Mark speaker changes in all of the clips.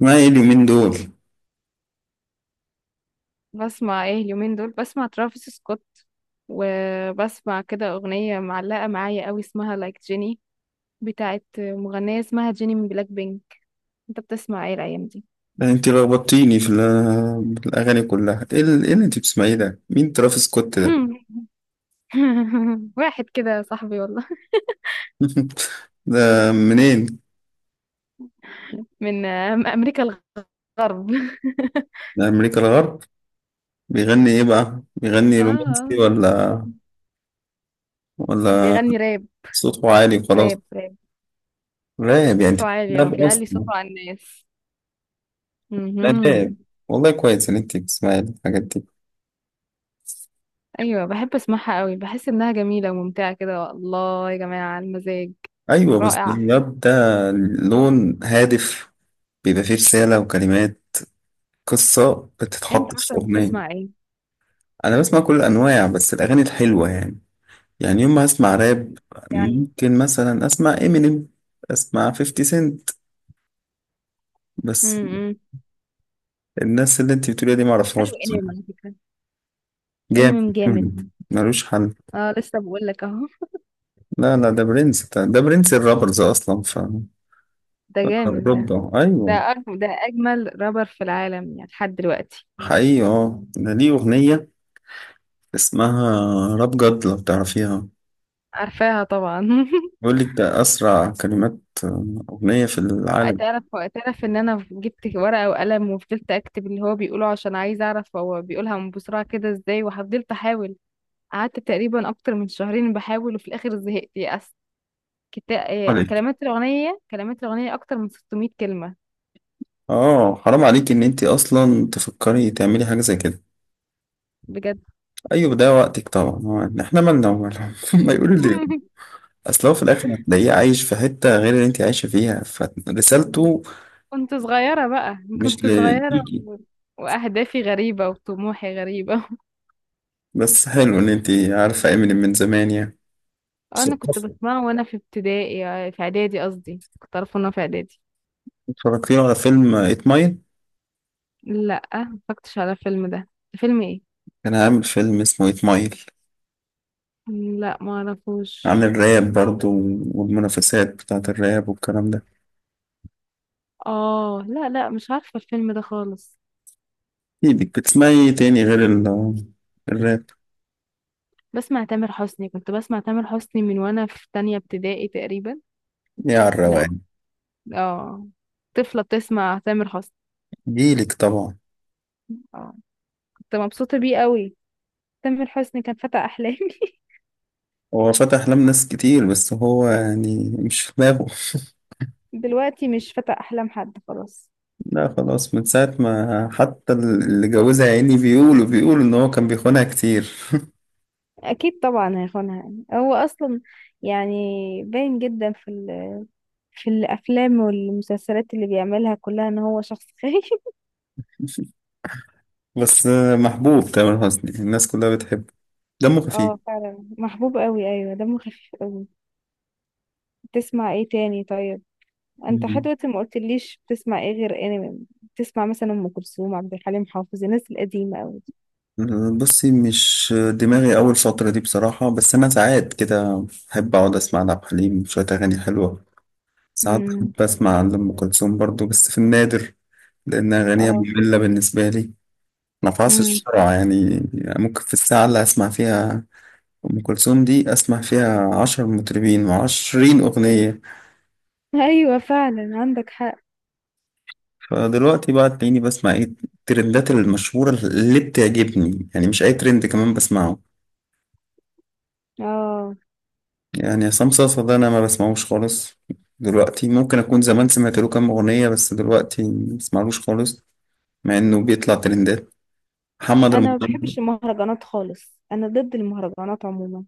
Speaker 1: ما ايه اليومين دول؟
Speaker 2: بسمع ايه اليومين دول؟ بسمع ترافيس سكوت، وبسمع كده اغنية معلقة معايا قوي اسمها لايك جيني، بتاعت مغنية اسمها جيني من بلاك بينك. انت بتسمع ايه الايام دي؟
Speaker 1: ده انت لخبطتيني في الاغاني كلها. إيه اللي انت بتسمعيه ده؟ مين ترافيس سكوت ده؟
Speaker 2: واحد كده صاحبي والله.
Speaker 1: ده منين؟
Speaker 2: من امريكا، الغرب.
Speaker 1: ده امريكا الغرب. بيغني ايه بقى؟ بيغني
Speaker 2: اه، آه.
Speaker 1: رومانسي ولا؟ ولا
Speaker 2: بيغني راب،
Speaker 1: صوته عالي وخلاص؟
Speaker 2: راب.
Speaker 1: راب يعني انت؟
Speaker 2: صوته عالي، اه
Speaker 1: راب
Speaker 2: بيعلي
Speaker 1: اصلا؟
Speaker 2: صوته على الناس.
Speaker 1: لا، راب.
Speaker 2: مهم.
Speaker 1: والله كويس ان انت بتسمعي الحاجات دي.
Speaker 2: ايوه بحب اسمعها قوي، بحس انها جميلة وممتعة كده، الله يا جماعة المزاج
Speaker 1: ايوه، بس
Speaker 2: رائع.
Speaker 1: الراب ده لون هادف، بيبقى فيه رسالة وكلمات، قصة
Speaker 2: انت
Speaker 1: بتتحط
Speaker 2: عارفه
Speaker 1: في أغنية.
Speaker 2: بتسمع ايه؟
Speaker 1: انا بسمع كل الانواع بس الاغاني الحلوه يعني. يعني يوم ما اسمع راب،
Speaker 2: يعني
Speaker 1: ممكن مثلا اسمع امينيم، اسمع 50 سنت بس.
Speaker 2: امم،
Speaker 1: الناس اللي انت بتقوليها دي ما اعرفهاش
Speaker 2: حلو انمي على
Speaker 1: بصراحه.
Speaker 2: فكره،
Speaker 1: جامد.
Speaker 2: انمي جامد.
Speaker 1: Eminem، ملوش حل.
Speaker 2: اه لسه بقول لك اهو.
Speaker 1: لا، ده برنس، ده برنس الرابرز اصلا. ف
Speaker 2: ده جامد ده،
Speaker 1: اوروبا، ايوه.
Speaker 2: ده أجمل، ده اجمل رابر في العالم يعني لحد دلوقتي.
Speaker 1: حقيقي، ده ليه اغنيه اسمها راب جد لو تعرفيها.
Speaker 2: عارفاها طبعا.
Speaker 1: بيقول لك ده اسرع كلمات اغنيه في العالم.
Speaker 2: تعرف، تعرف ان انا جبت ورقه وقلم وفضلت اكتب اللي هو بيقوله عشان عايزه اعرف هو بيقولها من بسرعه كده ازاي، وفضلت احاول. قعدت تقريبا اكتر من شهرين بحاول، وفي الاخر زهقت، يأست. آه،
Speaker 1: عليك،
Speaker 2: كلمات الاغنيه اكتر من 600 كلمه.
Speaker 1: اه، حرام عليك ان انت اصلا تفكري تعملي حاجه زي كده.
Speaker 2: بجد.
Speaker 1: ايوه، ده وقتك طبعا. هو احنا مالنا ومالهم؟ ما يقولوا لي. اصل هو في الاخر هتلاقيه عايش في حته غير اللي انت عايشه فيها، فرسالته
Speaker 2: كنت صغيرة بقى
Speaker 1: مش
Speaker 2: كنت صغيرة
Speaker 1: ليكي.
Speaker 2: وأهدافي غريبة وطموحي غريبة.
Speaker 1: بس حلو ان انت عارفه امينيم من زمان يعني.
Speaker 2: أنا كنت
Speaker 1: مثقفة.
Speaker 2: بسمعه وأنا في ابتدائي، آه، في إعدادي قصدي، كنت أعرفه وأنا في إعدادي.
Speaker 1: اتفرجتي على فيلم ايت مايل؟
Speaker 2: لأ مفكرتش على الفيلم ده. فيلم إيه؟
Speaker 1: كان عامل فيلم اسمه ايت مايل
Speaker 2: لأ معرفوش.
Speaker 1: عن الراب برضو، والمنافسات بتاعه الراب والكلام ده.
Speaker 2: آه، لأ مش عارفة الفيلم ده خالص.
Speaker 1: ايدك بتسمعي إيه تاني غير الراب؟
Speaker 2: بسمع تامر حسني، كنت بسمع تامر حسني من وأنا في تانية ابتدائي تقريبا.
Speaker 1: يا على
Speaker 2: لأ.
Speaker 1: الروقان.
Speaker 2: آه. طفلة بتسمع تامر حسني.
Speaker 1: جيلك طبعا.
Speaker 2: آه. كنت مبسوطة بيه قوي. تامر حسني كان فتى أحلامي.
Speaker 1: هو فتح أحلام ناس كتير بس هو يعني مش في دماغه.
Speaker 2: دلوقتي مش فتى احلام حد، خلاص.
Speaker 1: لا، خلاص من ساعة ما حتى اللي جوزها يا عيني بيقولوا إن هو كان بيخونها كتير.
Speaker 2: اكيد طبعا هيخونها، يعني هو اصلا، يعني باين جدا في الافلام والمسلسلات اللي بيعملها كلها ان هو شخص خايف.
Speaker 1: بس محبوب تامر حسني، الناس كلها بتحبه، دمه خفيف.
Speaker 2: اه فعلا محبوب قوي، ايوه دمه خفيف قوي. بتسمع ايه تاني طيب؟ انت لحد
Speaker 1: مم.
Speaker 2: دلوقتي ما قلتليش بتسمع ايه غير انمي، بتسمع مثلا ام كلثوم، عبد الحليم حافظ، الناس القديمه قوي دي.
Speaker 1: بصي، مش دماغي أول فترة دي بصراحة، بس أنا ساعات كده أحب أقعد أسمع لعبد الحليم شوية أغاني حلوة. ساعات
Speaker 2: امم.
Speaker 1: بحب أسمع لأم كلثوم برضو بس في النادر، لأن أغانيها
Speaker 2: اه.
Speaker 1: مملة بالنسبة لي، ما
Speaker 2: امم.
Speaker 1: بعصرش بسرعة يعني. ممكن في الساعة اللي هسمع فيها أم كلثوم دي أسمع فيها عشر مطربين وعشرين أغنية.
Speaker 2: ايوه فعلا عندك حق.
Speaker 1: فدلوقتي بقى تلاقيني بسمع إيه؟ الترندات المشهورة اللي بتعجبني، يعني مش أي ترند كمان بسمعه.
Speaker 2: اه
Speaker 1: يعني عصام صاصا ده أنا ما بسمعوش خالص. دلوقتي، ممكن أكون زمان سمعت له كام أغنية بس دلوقتي ما بسمعلوش خالص، مع إنه بيطلع ترندات. محمد
Speaker 2: انا ما
Speaker 1: رمضان
Speaker 2: بحبش المهرجانات خالص، انا ضد المهرجانات عموما.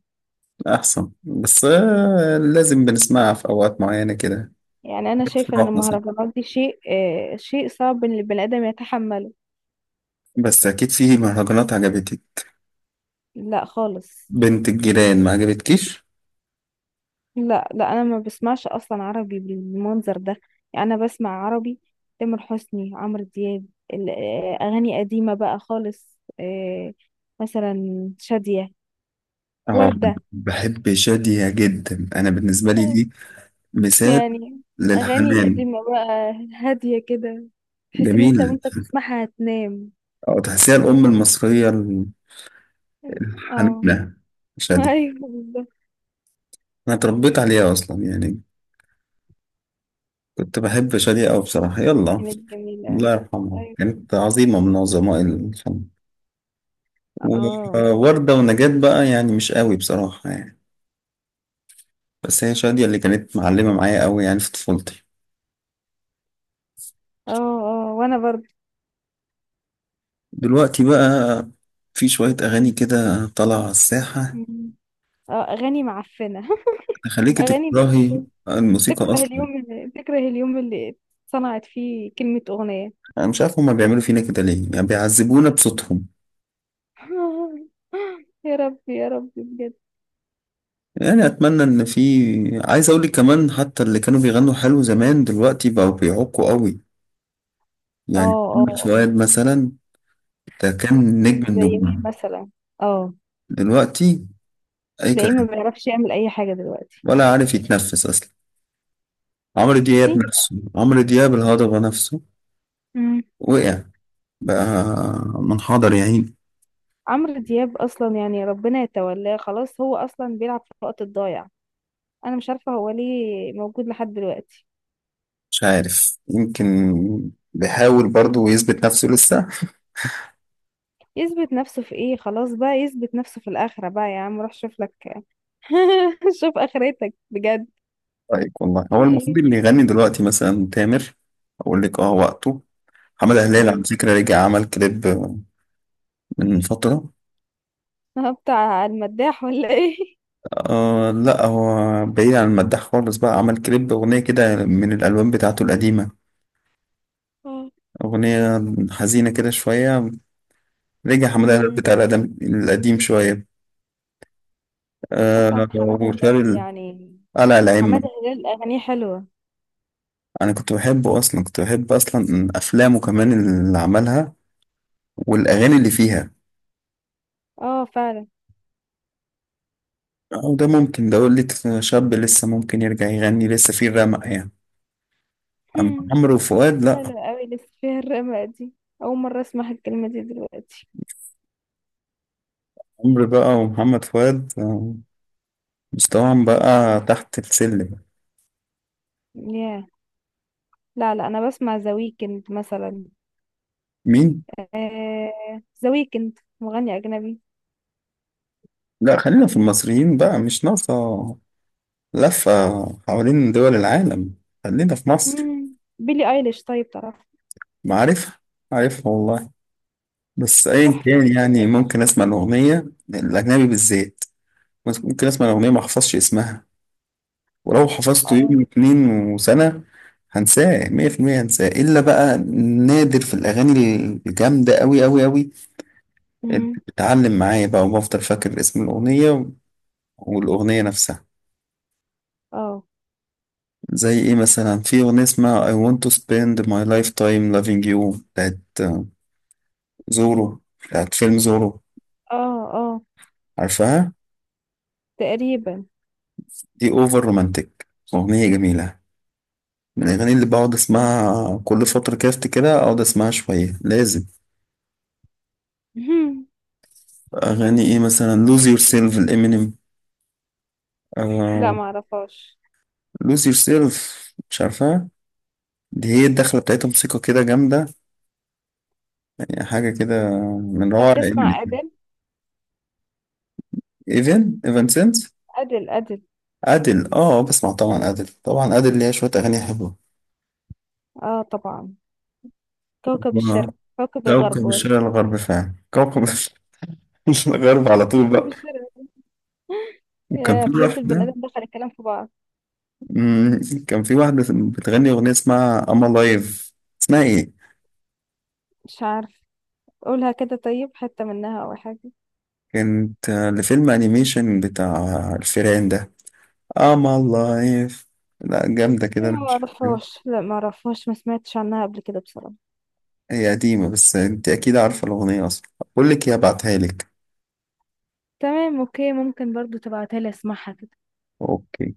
Speaker 1: أحسن، بس لازم بنسمعها في أوقات معينة كده،
Speaker 2: يعني انا
Speaker 1: في
Speaker 2: شايفه ان
Speaker 1: الأفراح مثلا.
Speaker 2: المهرجانات دي شيء، آه شيء صعب ان البني ادم يتحمله.
Speaker 1: بس أكيد في مهرجانات عجبتك.
Speaker 2: لا خالص.
Speaker 1: بنت الجيران ما عجبتكيش؟
Speaker 2: لا انا ما بسمعش اصلا عربي بالمنظر ده. يعني انا بسمع عربي، تامر حسني، عمرو دياب، آه، اغاني قديمه بقى خالص، آه، مثلا شاديه،
Speaker 1: اه،
Speaker 2: ورده.
Speaker 1: بحب شادية جدا. انا بالنسبه لي، دي مثال
Speaker 2: يعني اغاني
Speaker 1: للحنان.
Speaker 2: قديمه بقى، هاديه كده، تحس ان انت
Speaker 1: جميل.
Speaker 2: وانت بتسمعها هتنام.
Speaker 1: او تحسيها الام المصريه
Speaker 2: اه.
Speaker 1: الحنونه، شادية.
Speaker 2: ايوه بالظبط.
Speaker 1: انا اتربيت عليها اصلا يعني، كنت بحب شادية أوي بصراحه. يلا،
Speaker 2: كانت جميلة.
Speaker 1: الله يرحمها،
Speaker 2: ايوه.
Speaker 1: كانت عظيمه من عظماء الفن.
Speaker 2: اه
Speaker 1: ووردة ونجاة بقى يعني مش قوي بصراحه يعني، بس هي شادية اللي كانت معلمه معايا قوي يعني في طفولتي.
Speaker 2: اه اه وانا برضه.
Speaker 1: دلوقتي بقى في شويه اغاني كده طالعه على الساحه
Speaker 2: مم. اه اغاني معفنة.
Speaker 1: تخليكي
Speaker 2: اغاني مش
Speaker 1: تكرهي الموسيقى
Speaker 2: تكره
Speaker 1: أصلا.
Speaker 2: اليوم اللي تكره اليوم اللي صنعت فيه كلمة اغنية.
Speaker 1: أنا مش عارف هما بيعملوا فينا كده ليه، يعني بيعذبونا بصوتهم.
Speaker 2: يا ربي يا ربي بجد.
Speaker 1: يعني أتمنى إن في، عايز أقول لك كمان، حتى اللي كانوا بيغنوا حلو زمان دلوقتي بقوا بيعقوا قوي.
Speaker 2: اه
Speaker 1: يعني
Speaker 2: اه
Speaker 1: محمد
Speaker 2: اه
Speaker 1: فؤاد مثلا، ده كان نجم
Speaker 2: زي مين
Speaker 1: النجوم،
Speaker 2: مثلا؟ اه.
Speaker 1: دلوقتي أي
Speaker 2: تلاقيه ما
Speaker 1: كلام،
Speaker 2: بيعرفش يعمل اي حاجة دلوقتي.
Speaker 1: ولا عارف يتنفس أصلا. عمرو
Speaker 2: في،
Speaker 1: دياب نفسه، عمرو دياب الهضبة نفسه
Speaker 2: مم.
Speaker 1: وقع بقى، منحدر يا عيني.
Speaker 2: عمرو دياب اصلا يعني ربنا يتولاه خلاص، هو اصلا بيلعب في الوقت الضايع. انا مش عارفة هو ليه موجود لحد دلوقتي.
Speaker 1: مش عارف، يمكن بيحاول برضه يثبت نفسه لسه.
Speaker 2: يثبت نفسه في ايه؟ خلاص بقى يثبت نفسه في الآخرة، بقى يا عم روح شوف لك. شوف آخرتك بجد.
Speaker 1: رايك والله هو
Speaker 2: في
Speaker 1: المفروض
Speaker 2: ايه؟
Speaker 1: اللي يغني دلوقتي مثلا تامر. اقول لك، اه وقته. محمد هلال
Speaker 2: امم.
Speaker 1: على فكرة رجع عمل كليب من فترة.
Speaker 2: ها، بتاع المداح ولا ايه؟
Speaker 1: آه، لا، هو بعيد عن المداح خالص بقى، عمل كليب أغنية كده من الألبوم بتاعته القديمة. أغنية حزينة كده شوية. رجع حمادة هلال بتاع
Speaker 2: امم.
Speaker 1: القدم القديم شوية. آه.
Speaker 2: اصلا حمادة
Speaker 1: وشال
Speaker 2: هلال
Speaker 1: ال-
Speaker 2: يعني،
Speaker 1: قلع الأئمة.
Speaker 2: حمادة هلال اغانيه حلوة.
Speaker 1: أنا كنت بحبه أصلا، كنت بحب أصلا أفلامه كمان اللي عملها والأغاني اللي فيها.
Speaker 2: اه فعلا.
Speaker 1: أو ده ممكن ده يقول لي شاب لسه، ممكن يرجع يغني لسه فيه الرمق يعني. أما
Speaker 2: هم،
Speaker 1: عمرو وفؤاد لأ.
Speaker 2: حلوة قوي لسه فيها الرمق دي، اول مرة اسمع الكلمة دي دلوقتي.
Speaker 1: عمرو بقى ومحمد فؤاد، مستواهم بقى تحت السلم.
Speaker 2: ياه. لا انا بسمع ذا ويكند مثلا.
Speaker 1: مين؟
Speaker 2: آه ذا ويكند مغني اجنبي.
Speaker 1: لأ، خلينا في المصريين بقى، مش ناقصة لفة حوالين دول العالم. خلينا في مصر.
Speaker 2: مم. بيلي ايليش طيب تعرف؟
Speaker 1: معرفة، عارفها والله. بس أيا
Speaker 2: تحفة
Speaker 1: كان،
Speaker 2: بال-
Speaker 1: يعني ممكن أسمع الأغنية، الأجنبي بالذات، ممكن أسمع الأغنية ما أحفظش اسمها، ولو حفظته
Speaker 2: اه.
Speaker 1: يوم اتنين وسنة هنساه مية في المية، هنساه إلا بقى نادر في الأغاني الجامدة أوي أوي أوي اللي
Speaker 2: مم.
Speaker 1: بتعلم معايا بقى، وبفضل فاكر اسم الأغنية والأغنية نفسها.
Speaker 2: اه
Speaker 1: زي إيه مثلا؟ في أغنية اسمها I want to spend my lifetime loving you بتاعت زورو، بتاعت فيلم زورو.
Speaker 2: اه اه.
Speaker 1: عارفها؟
Speaker 2: تقريبا.
Speaker 1: دي أوفر رومانتك، أغنية جميلة، من الأغاني اللي بقعد أسمعها كل فترة كده، أفتكرها أقعد أسمعها شوية لازم.
Speaker 2: مهم.
Speaker 1: أغاني إيه مثلا؟ lose yourself الإمينيم،
Speaker 2: لا
Speaker 1: آه.
Speaker 2: ما اعرفهاش.
Speaker 1: lose yourself، مش عارفها؟ دي هي الدخلة بتاعتها موسيقى كده جامدة، يعني حاجة كده من
Speaker 2: طب
Speaker 1: روعة
Speaker 2: تسمع
Speaker 1: إمينيم.
Speaker 2: ادل؟
Speaker 1: إيفن سينس.
Speaker 2: ادل.
Speaker 1: أديل، آه، بسمع طبعا. أديل طبعا، أديل ليها شوية أغاني حلوة.
Speaker 2: اه طبعا. كوكب
Speaker 1: آه،
Speaker 2: الشرق، كوكب الغرب
Speaker 1: كوكب
Speaker 2: ولا
Speaker 1: الشرق الغرب، فعلا كوكب الشرق الغرب على طول
Speaker 2: كوكب
Speaker 1: بقى.
Speaker 2: الشرق؟
Speaker 1: وكان
Speaker 2: يا
Speaker 1: في
Speaker 2: بجد البني
Speaker 1: واحدة،
Speaker 2: ادم دخل الكلام في بعض.
Speaker 1: مم، كان في واحدة بتغني أغنية اسمها أما لايف. اسمها إيه؟
Speaker 2: مش عارف، قولها كده طيب، حتة منها او حاجة.
Speaker 1: كانت لفيلم أنيميشن بتاع الفيران ده. اه، ما الله عارف، لا، جامدة كده،
Speaker 2: لا
Speaker 1: انا
Speaker 2: ما
Speaker 1: مش فاكرها.
Speaker 2: اعرفهاش لا ما اعرفهاش ما سمعتش عنها قبل كده بصراحة.
Speaker 1: هي قديمة بس انت اكيد عارفة الاغنية اصلا. بقول لك ايه، ابعتها لك.
Speaker 2: تمام اوكي، ممكن برضو تبعتها لي اسمعها كده.
Speaker 1: اوكي.